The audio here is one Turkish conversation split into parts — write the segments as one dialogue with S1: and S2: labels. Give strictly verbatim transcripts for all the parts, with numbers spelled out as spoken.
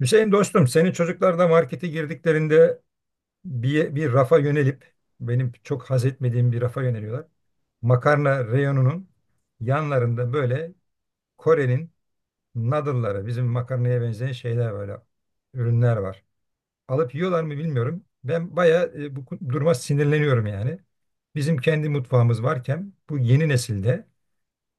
S1: Hüseyin dostum, senin çocuklar da markete girdiklerinde bir, bir rafa yönelip, benim çok haz etmediğim bir rafa yöneliyorlar. Makarna reyonunun yanlarında böyle Kore'nin noodle'ları, bizim makarnaya benzeyen şeyler böyle, ürünler var. Alıp yiyorlar mı bilmiyorum. Ben bayağı e, bu duruma sinirleniyorum yani. Bizim kendi mutfağımız varken bu yeni nesilde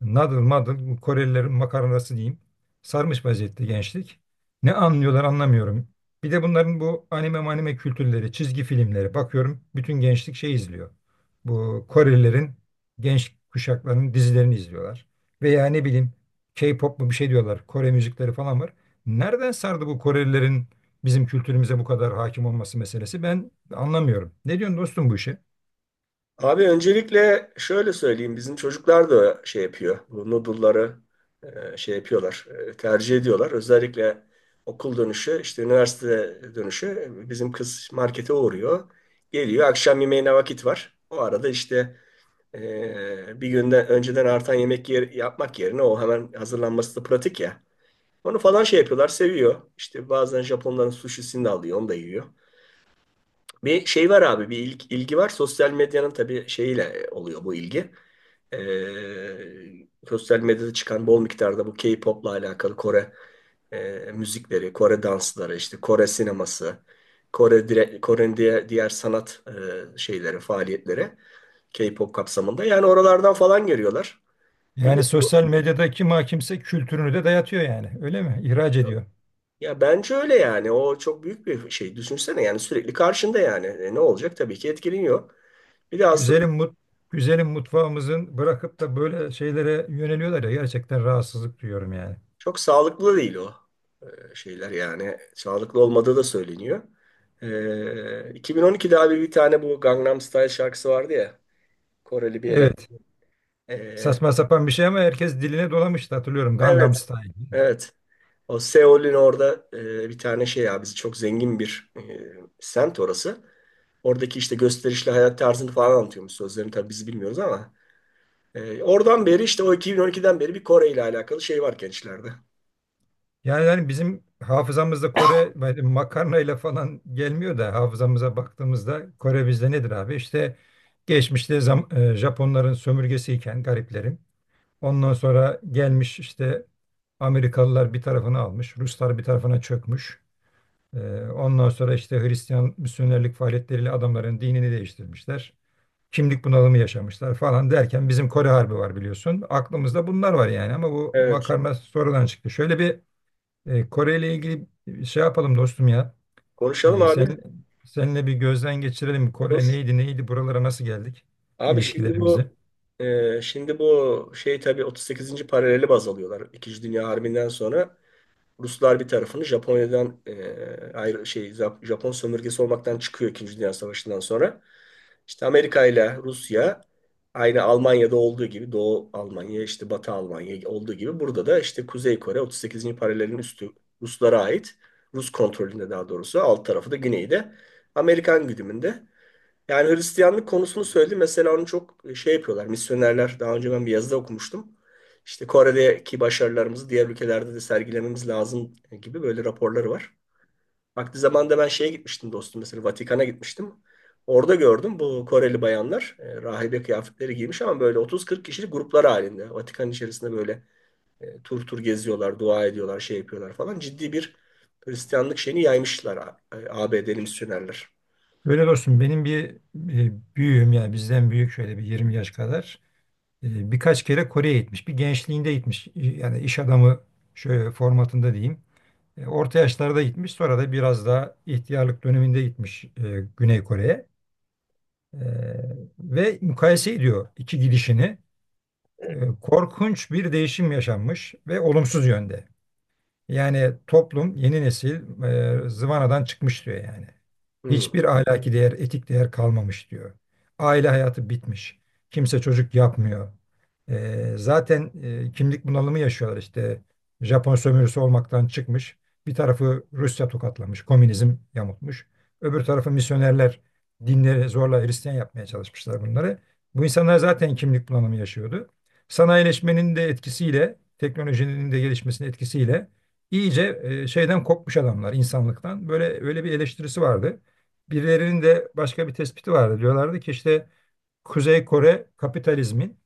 S1: Nadıl madıl Korelilerin makarnası diyeyim. Sarmış vaziyette gençlik. Ne anlıyorlar anlamıyorum. Bir de bunların bu anime manime kültürleri, çizgi filmleri. Bakıyorum bütün gençlik şey izliyor. Bu Korelilerin genç kuşaklarının dizilerini izliyorlar. Veya ne bileyim K-pop mu bir şey diyorlar. Kore müzikleri falan var. Nereden sardı bu Korelilerin bizim kültürümüze bu kadar hakim olması meselesi? Ben anlamıyorum. Ne diyorsun dostum bu işe?
S2: Abi öncelikle şöyle söyleyeyim. Bizim çocuklar da şey yapıyor. Bu noodle'ları e, şey yapıyorlar. e, Tercih ediyorlar. Özellikle okul dönüşü, işte üniversite dönüşü bizim kız markete uğruyor. Geliyor. Akşam yemeğine vakit var. O arada işte e, bir günden önceden artan yemek yer, yapmak yerine o hemen hazırlanması da pratik ya. Onu falan şey yapıyorlar. Seviyor. İşte bazen Japonların sushisini de alıyor. Onu da yiyor. Bir şey var abi, bir ilgi, ilgi var. Sosyal medyanın tabii şeyiyle e, oluyor bu ilgi. Ee, sosyal medyada çıkan bol miktarda bu K-pop'la alakalı Kore e, müzikleri, Kore dansları, işte Kore sineması, Kore dire, Kore'nin diğer, diğer sanat e, şeyleri, faaliyetleri K-pop kapsamında. Yani oralardan falan görüyorlar.
S1: Yani
S2: Biliyorum.
S1: sosyal medyadaki ma kimse kültürünü de dayatıyor yani. Öyle mi? İhraç ediyor.
S2: Ya bence öyle yani. O çok büyük bir şey. Düşünsene yani sürekli karşında yani. E, ne olacak? Tabii ki etkileniyor. Bir de aslında
S1: Güzelim mut Güzelim mutfağımızın bırakıp da böyle şeylere yöneliyorlar ya gerçekten rahatsızlık duyuyorum yani.
S2: çok sağlıklı değil o e, şeyler yani. Sağlıklı olmadığı da söyleniyor. E, iki bin on ikide abi bir tane bu Gangnam Style şarkısı vardı ya. Koreli bir eleman.
S1: Evet.
S2: E,
S1: Saçma sapan bir şey ama herkes diline dolamıştı hatırlıyorum
S2: evet.
S1: Gangnam Style.
S2: Evet. O Seul'ün orada e, bir tane şey ya bizi çok zengin bir e, semt orası. Oradaki işte gösterişli hayat tarzını falan anlatıyormuş. Sözlerini tabii biz bilmiyoruz ama. E, oradan beri işte o iki bin on ikiden beri bir Kore ile alakalı şey var gençlerde.
S1: Yani, yani bizim hafızamızda Kore böyle makarnayla falan gelmiyor da hafızamıza baktığımızda Kore bizde nedir abi? İşte geçmişte zam- e, Japonların sömürgesiyken gariplerin, ondan sonra gelmiş işte Amerikalılar bir tarafını almış, Ruslar bir tarafına çökmüş. Ee, ondan sonra işte Hristiyan misyonerlik faaliyetleriyle adamların dinini değiştirmişler. Kimlik bunalımı yaşamışlar falan derken bizim Kore Harbi var biliyorsun. Aklımızda bunlar var yani ama bu
S2: Evet.
S1: makarna sonradan çıktı. Şöyle bir e, Kore ile ilgili şey yapalım dostum ya.
S2: Konuşalım
S1: E, sen
S2: abi.
S1: Seninle bir gözden geçirelim. Kore
S2: Olur.
S1: neydi neydi buralara nasıl geldik
S2: Abi şimdi
S1: ilişkilerimizi.
S2: bu e, şimdi bu şey tabii otuz sekizinci paraleli baz alıyorlar. İkinci Dünya Harbi'nden sonra Ruslar bir tarafını Japonya'dan e, ayrı şey Zap- Japon sömürgesi olmaktan çıkıyor İkinci Dünya Savaşı'ndan sonra. İşte Amerika ile Rusya aynı Almanya'da olduğu gibi Doğu Almanya işte Batı Almanya olduğu gibi burada da işte Kuzey Kore otuz sekizinci paralelin üstü Ruslara ait. Rus kontrolünde daha doğrusu alt tarafı da güneyde Amerikan güdümünde. Yani Hristiyanlık konusunu söyledi. Mesela onu çok e, şey yapıyorlar. Misyonerler daha önce ben bir yazıda okumuştum. İşte Kore'deki başarılarımızı diğer ülkelerde de sergilememiz lazım e, gibi böyle raporları var. Vakti zamanında ben şeye gitmiştim dostum mesela Vatikan'a gitmiştim. Orada gördüm bu Koreli bayanlar e, rahibe kıyafetleri giymiş ama böyle otuz kırk kişilik gruplar halinde. Vatikan içerisinde böyle e, tur tur geziyorlar, dua ediyorlar, şey yapıyorlar falan. Ciddi bir Hristiyanlık şeyini yaymışlar A- ABD'li misyonerler.
S1: Öyle dostum benim bir e, büyüğüm yani bizden büyük şöyle bir yirmi yaş kadar e, birkaç kere Kore'ye gitmiş. Bir gençliğinde gitmiş e, yani iş adamı şöyle formatında diyeyim. E, orta yaşlarda gitmiş sonra da biraz daha ihtiyarlık döneminde gitmiş e, Güney Kore'ye. E, Ve mukayese ediyor iki gidişini. E, Korkunç bir değişim yaşanmış ve olumsuz yönde. Yani toplum, yeni nesil e, zıvanadan çıkmış diyor yani.
S2: Hmm.
S1: Hiçbir ahlaki değer, etik değer kalmamış diyor. Aile hayatı bitmiş. Kimse çocuk yapmıyor. E, zaten e, kimlik bunalımı yaşıyorlar işte. Japon sömürüsü olmaktan çıkmış. Bir tarafı Rusya tokatlamış, komünizm yamutmuş. Öbür tarafı misyonerler dinleri zorla Hristiyan yapmaya çalışmışlar bunları. Bu insanlar zaten kimlik bunalımı yaşıyordu. Sanayileşmenin de etkisiyle, teknolojinin de gelişmesinin etkisiyle İyice e, şeyden kopmuş adamlar insanlıktan. Böyle öyle bir eleştirisi vardı. Birilerinin de başka bir tespiti vardı. Diyorlardı ki işte Kuzey Kore kapitalizmin,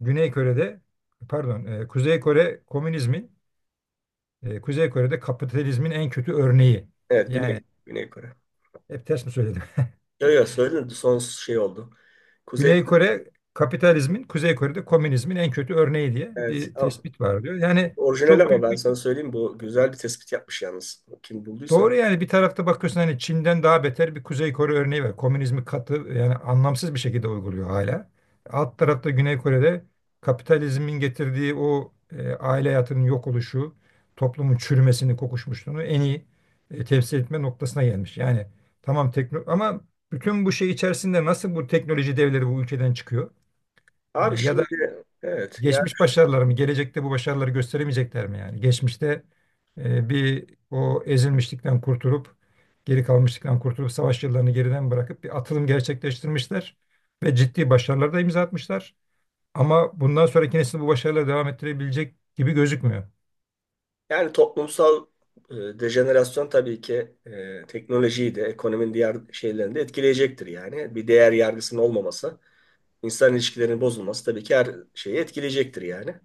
S1: Güney Kore'de pardon e, Kuzey Kore komünizmin, e, Kuzey Kore'de kapitalizmin en kötü örneği.
S2: Evet
S1: Yani
S2: Güney, Güney Kore.
S1: hep ters mi söyledim?
S2: Yok yok, söyledim son şey oldu. Kuzey
S1: Güney Kore kapitalizmin, Kuzey Kore'de komünizmin en kötü örneği diye
S2: evet.
S1: bir
S2: Ha,
S1: tespit var diyor. Yani
S2: orijinal
S1: çok
S2: ama
S1: büyük
S2: ben
S1: bir.
S2: sana söyleyeyim bu güzel bir tespit yapmış yalnız. Kim bulduysa.
S1: Doğru yani, bir tarafta bakıyorsun hani Çin'den daha beter bir Kuzey Kore örneği var. Komünizmi katı yani anlamsız bir şekilde uyguluyor hala. Alt tarafta Güney Kore'de kapitalizmin getirdiği o e, aile hayatının yok oluşu, toplumun çürümesini, kokuşmuşluğunu en iyi e, temsil etme noktasına gelmiş. Yani tamam tekno ama bütün bu şey içerisinde nasıl bu teknoloji devleri bu ülkeden çıkıyor? E,
S2: Abi
S1: ya da
S2: şimdi evet ya,
S1: geçmiş başarıları mı? Gelecekte bu başarıları gösteremeyecekler mi yani? Geçmişte e, bir o ezilmişlikten kurtulup, geri kalmışlıktan kurtulup, savaş yıllarını geriden bırakıp bir atılım gerçekleştirmişler ve ciddi başarılar da imza atmışlar. Ama bundan sonraki nesil bu başarıları devam ettirebilecek gibi gözükmüyor.
S2: yani toplumsal e, dejenerasyon tabii ki e, teknolojiyi de ekonominin diğer şeylerini de etkileyecektir yani. Bir değer yargısının olmaması, insan ilişkilerinin bozulması tabii ki her şeyi etkileyecektir yani.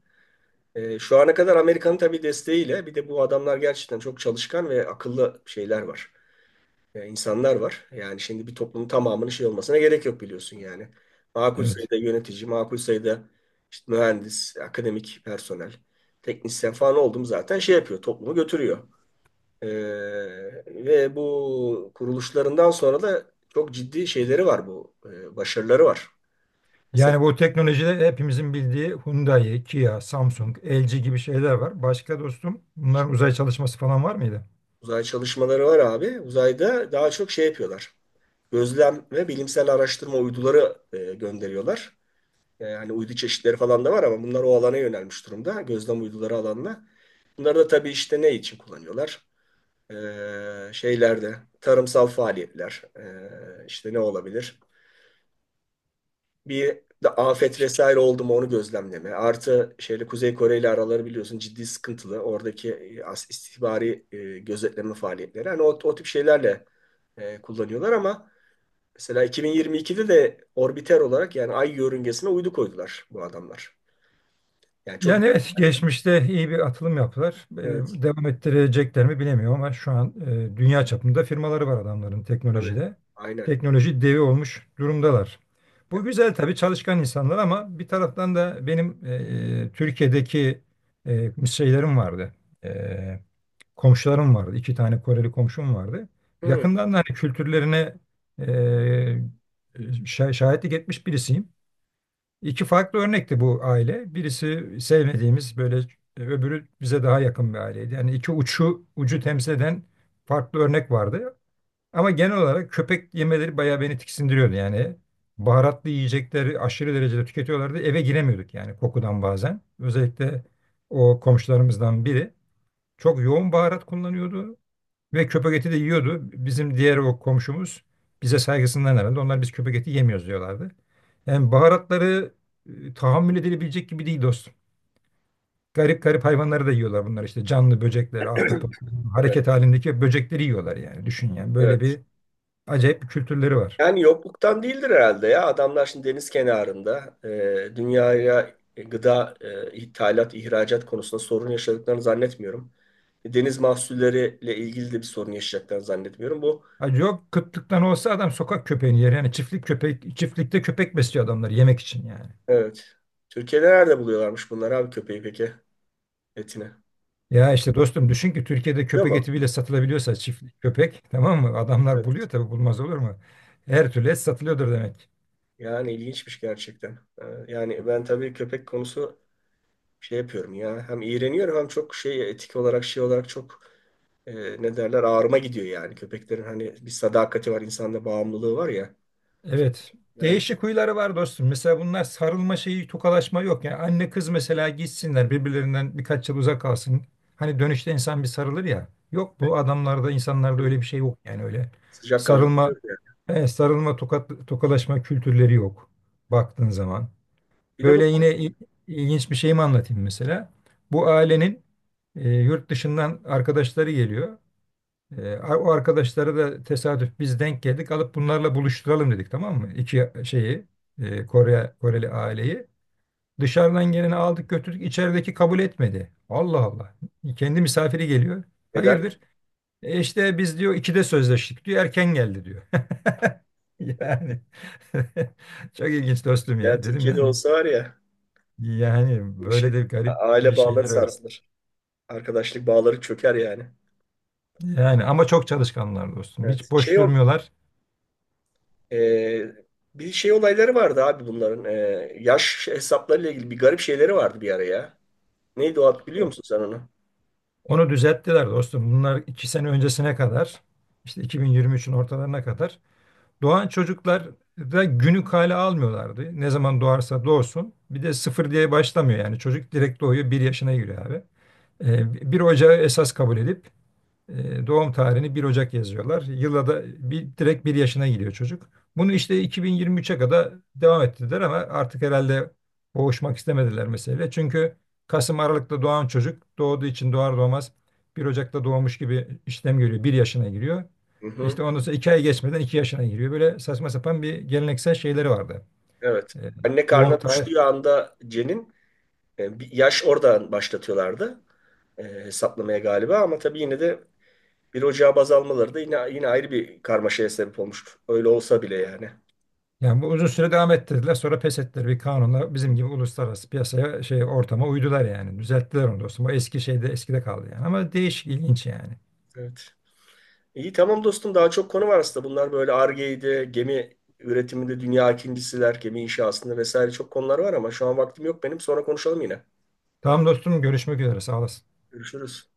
S2: E, şu ana kadar Amerika'nın tabii desteğiyle bir de bu adamlar gerçekten çok çalışkan ve akıllı şeyler var. e, insanlar var. Yani şimdi bir toplumun tamamının şey olmasına gerek yok biliyorsun yani. Makul
S1: Evet.
S2: sayıda yönetici, makul sayıda işte mühendis, akademik personel, teknisyen falan oldum zaten şey yapıyor, toplumu götürüyor. E, Ve bu kuruluşlarından sonra da çok ciddi şeyleri var bu, e, başarıları var. Mesela
S1: Yani bu teknolojide hepimizin bildiği Hyundai, Kia, Samsung, L G gibi şeyler var. Başka dostum
S2: işte
S1: bunların uzay çalışması falan var mıydı?
S2: uzay çalışmaları var abi. Uzayda daha çok şey yapıyorlar. Gözlem ve bilimsel araştırma uyduları e, gönderiyorlar. E, hani uydu çeşitleri falan da var ama bunlar o alana yönelmiş durumda. Gözlem uyduları alanına. Bunları da tabii işte ne için kullanıyorlar? E, şeylerde tarımsal faaliyetler e, işte ne olabilir? Bir de afet vesaire oldu mu onu gözlemleme. Artı şeyle Kuzey Kore ile araları biliyorsun ciddi sıkıntılı. Oradaki e, istihbari e, gözetleme faaliyetleri. Hani o, o tip şeylerle e, kullanıyorlar ama mesela iki bin yirmi ikide de orbiter olarak yani ay yörüngesine uydu koydular bu adamlar. Yani çok
S1: Yani evet geçmişte iyi bir atılım yaptılar. Ee,
S2: evet.
S1: devam ettirecekler mi bilemiyorum ama şu an e, dünya çapında firmaları var adamların
S2: Tabii.
S1: teknolojide.
S2: Aynen.
S1: Teknoloji devi olmuş durumdalar. Bu güzel tabii çalışkan insanlar ama bir taraftan da benim e, Türkiye'deki e, şeylerim vardı. E, Komşularım vardı. İki tane Koreli komşum vardı.
S2: Hı.
S1: Yakından da hani kültürlerine e, şah- şahitlik etmiş birisiyim. İki farklı örnekti bu aile. Birisi sevmediğimiz böyle e, öbürü bize daha yakın bir aileydi. Yani iki uçu ucu temsil eden farklı örnek vardı. Ama genel olarak köpek yemeleri bayağı beni tiksindiriyordu. Yani baharatlı yiyecekleri aşırı derecede tüketiyorlardı. Eve giremiyorduk yani kokudan bazen. Özellikle o komşularımızdan biri çok yoğun baharat kullanıyordu. Ve köpek eti de yiyordu. Bizim diğer o komşumuz bize saygısından herhalde. Onlar biz köpek eti yemiyoruz diyorlardı. Yani baharatları e, tahammül edilebilecek gibi değil dostum. Garip garip hayvanları da yiyorlar bunlar işte. Canlı böcekler, ahtapot,
S2: Evet,
S1: hareket halindeki böcekleri yiyorlar yani. Düşün yani böyle
S2: evet.
S1: bir acayip bir kültürleri var.
S2: Yani yokluktan değildir herhalde ya. Adamlar şimdi deniz kenarında e, dünyaya e, gıda e, ithalat, ihracat konusunda sorun yaşadıklarını zannetmiyorum. E, Deniz mahsulleriyle ilgili de bir sorun yaşayacaklarını zannetmiyorum. Bu
S1: Ha, yok, kıtlıktan olsa adam sokak köpeğini yer. Yani çiftlik köpek, çiftlikte köpek besliyor adamlar yemek için yani.
S2: evet. Türkiye'de nerede buluyorlarmış bunlar abi köpeği peki etini?
S1: Ya işte dostum düşün ki Türkiye'de
S2: Değil
S1: köpek
S2: mi?
S1: eti bile satılabiliyorsa çiftlik köpek tamam mı? Adamlar
S2: Evet.
S1: buluyor tabii bulmaz olur mu? Her türlü et satılıyordur demek.
S2: Yani ilginçmiş gerçekten. Ee, Yani ben tabii köpek konusu şey yapıyorum ya. Hem iğreniyorum hem çok şey etik olarak şey olarak çok e, ne derler ağrıma gidiyor yani. Köpeklerin hani bir sadakati var, insanla bağımlılığı var ya.
S1: Evet.
S2: Yani
S1: Değişik huyları var dostum. Mesela bunlar sarılma şeyi, tokalaşma yok. Yani anne kız mesela gitsinler birbirlerinden birkaç yıl uzak kalsın. Hani dönüşte insan bir sarılır ya. Yok bu adamlarda insanlarda öyle bir şey yok yani öyle.
S2: sıcak
S1: Sarılma,
S2: kaldırıyor ya.
S1: e, sarılma, tokat, tokalaşma kültürleri yok baktığın zaman.
S2: Bir de bu
S1: Böyle yine il- ilginç bir şeyimi anlatayım mesela. Bu ailenin e, yurt dışından arkadaşları geliyor. E, a- o arkadaşları da tesadüf biz denk geldik. Alıp bunlarla buluşturalım dedik tamam mı? İki şeyi e, Kore Koreli aileyi. Dışarıdan geleni aldık götürdük. İçerideki kabul etmedi. Allah Allah. Kendi misafiri geliyor.
S2: eder.
S1: Hayırdır? E işte biz diyor ikide sözleştik diyor. Erken geldi diyor. Yani çok ilginç dostum
S2: Ya
S1: ya. Dedim
S2: Türkiye'de
S1: lan
S2: olsa var ya
S1: yani
S2: bu bir şey.
S1: böyle de
S2: A-
S1: garip bir
S2: Aile bağları
S1: şeyler var.
S2: sarsılır. Arkadaşlık bağları çöker yani.
S1: Yani ama çok çalışkanlar dostum.
S2: Evet.
S1: Hiç boş
S2: Şey o
S1: durmuyorlar.
S2: e, bir şey olayları vardı abi bunların. E, yaş hesaplarıyla ilgili bir garip şeyleri vardı bir ara ya. Neydi o ad biliyor musun sen onu?
S1: Onu düzelttiler dostum. Bunlar iki sene öncesine kadar, işte iki bin yirmi üçün ortalarına kadar doğan çocuklar da günü kale almıyorlardı. Ne zaman doğarsa doğsun. Bir de sıfır diye başlamıyor yani. Çocuk direkt doğuyor, bir yaşına giriyor abi. Ee, bir ocağı esas kabul edip E, doğum tarihini bir Ocak yazıyorlar. Yıla da bir, direkt bir yaşına giriyor çocuk. Bunu işte iki bin yirmi üçe kadar devam ettirdiler ama artık herhalde boğuşmak istemediler meseleyle. Çünkü Kasım Aralık'ta doğan çocuk doğduğu için doğar doğmaz bir Ocak'ta doğmuş gibi işlem görüyor. Bir yaşına giriyor.
S2: Hı hı.
S1: İşte ondan sonra iki ay geçmeden iki yaşına giriyor. Böyle saçma sapan bir geleneksel şeyleri vardı.
S2: Evet.
S1: E,
S2: Anne
S1: doğum
S2: karnına
S1: tarih
S2: düştüğü anda Cen'in E, bir yaş oradan başlatıyorlardı e, hesaplamaya galiba ama tabii yine de bir Ocağı baz almaları da yine yine ayrı bir karmaşaya sebep olmuştu. Öyle olsa bile yani.
S1: Yani bu uzun süre devam ettirdiler. Sonra pes ettiler bir kanunla bizim gibi uluslararası piyasaya şey ortama uydular yani. Düzelttiler onu dostum. O eski şeyde eskide kaldı yani. Ama değişik ilginç yani.
S2: Evet. İyi tamam dostum daha çok konu var aslında. Bunlar böyle Ar-Ge'ydi, gemi üretiminde dünya ikincisiler, gemi inşasında vesaire çok konular var ama şu an vaktim yok benim. Sonra konuşalım yine.
S1: Tamam dostum görüşmek üzere sağ olasın.
S2: Görüşürüz.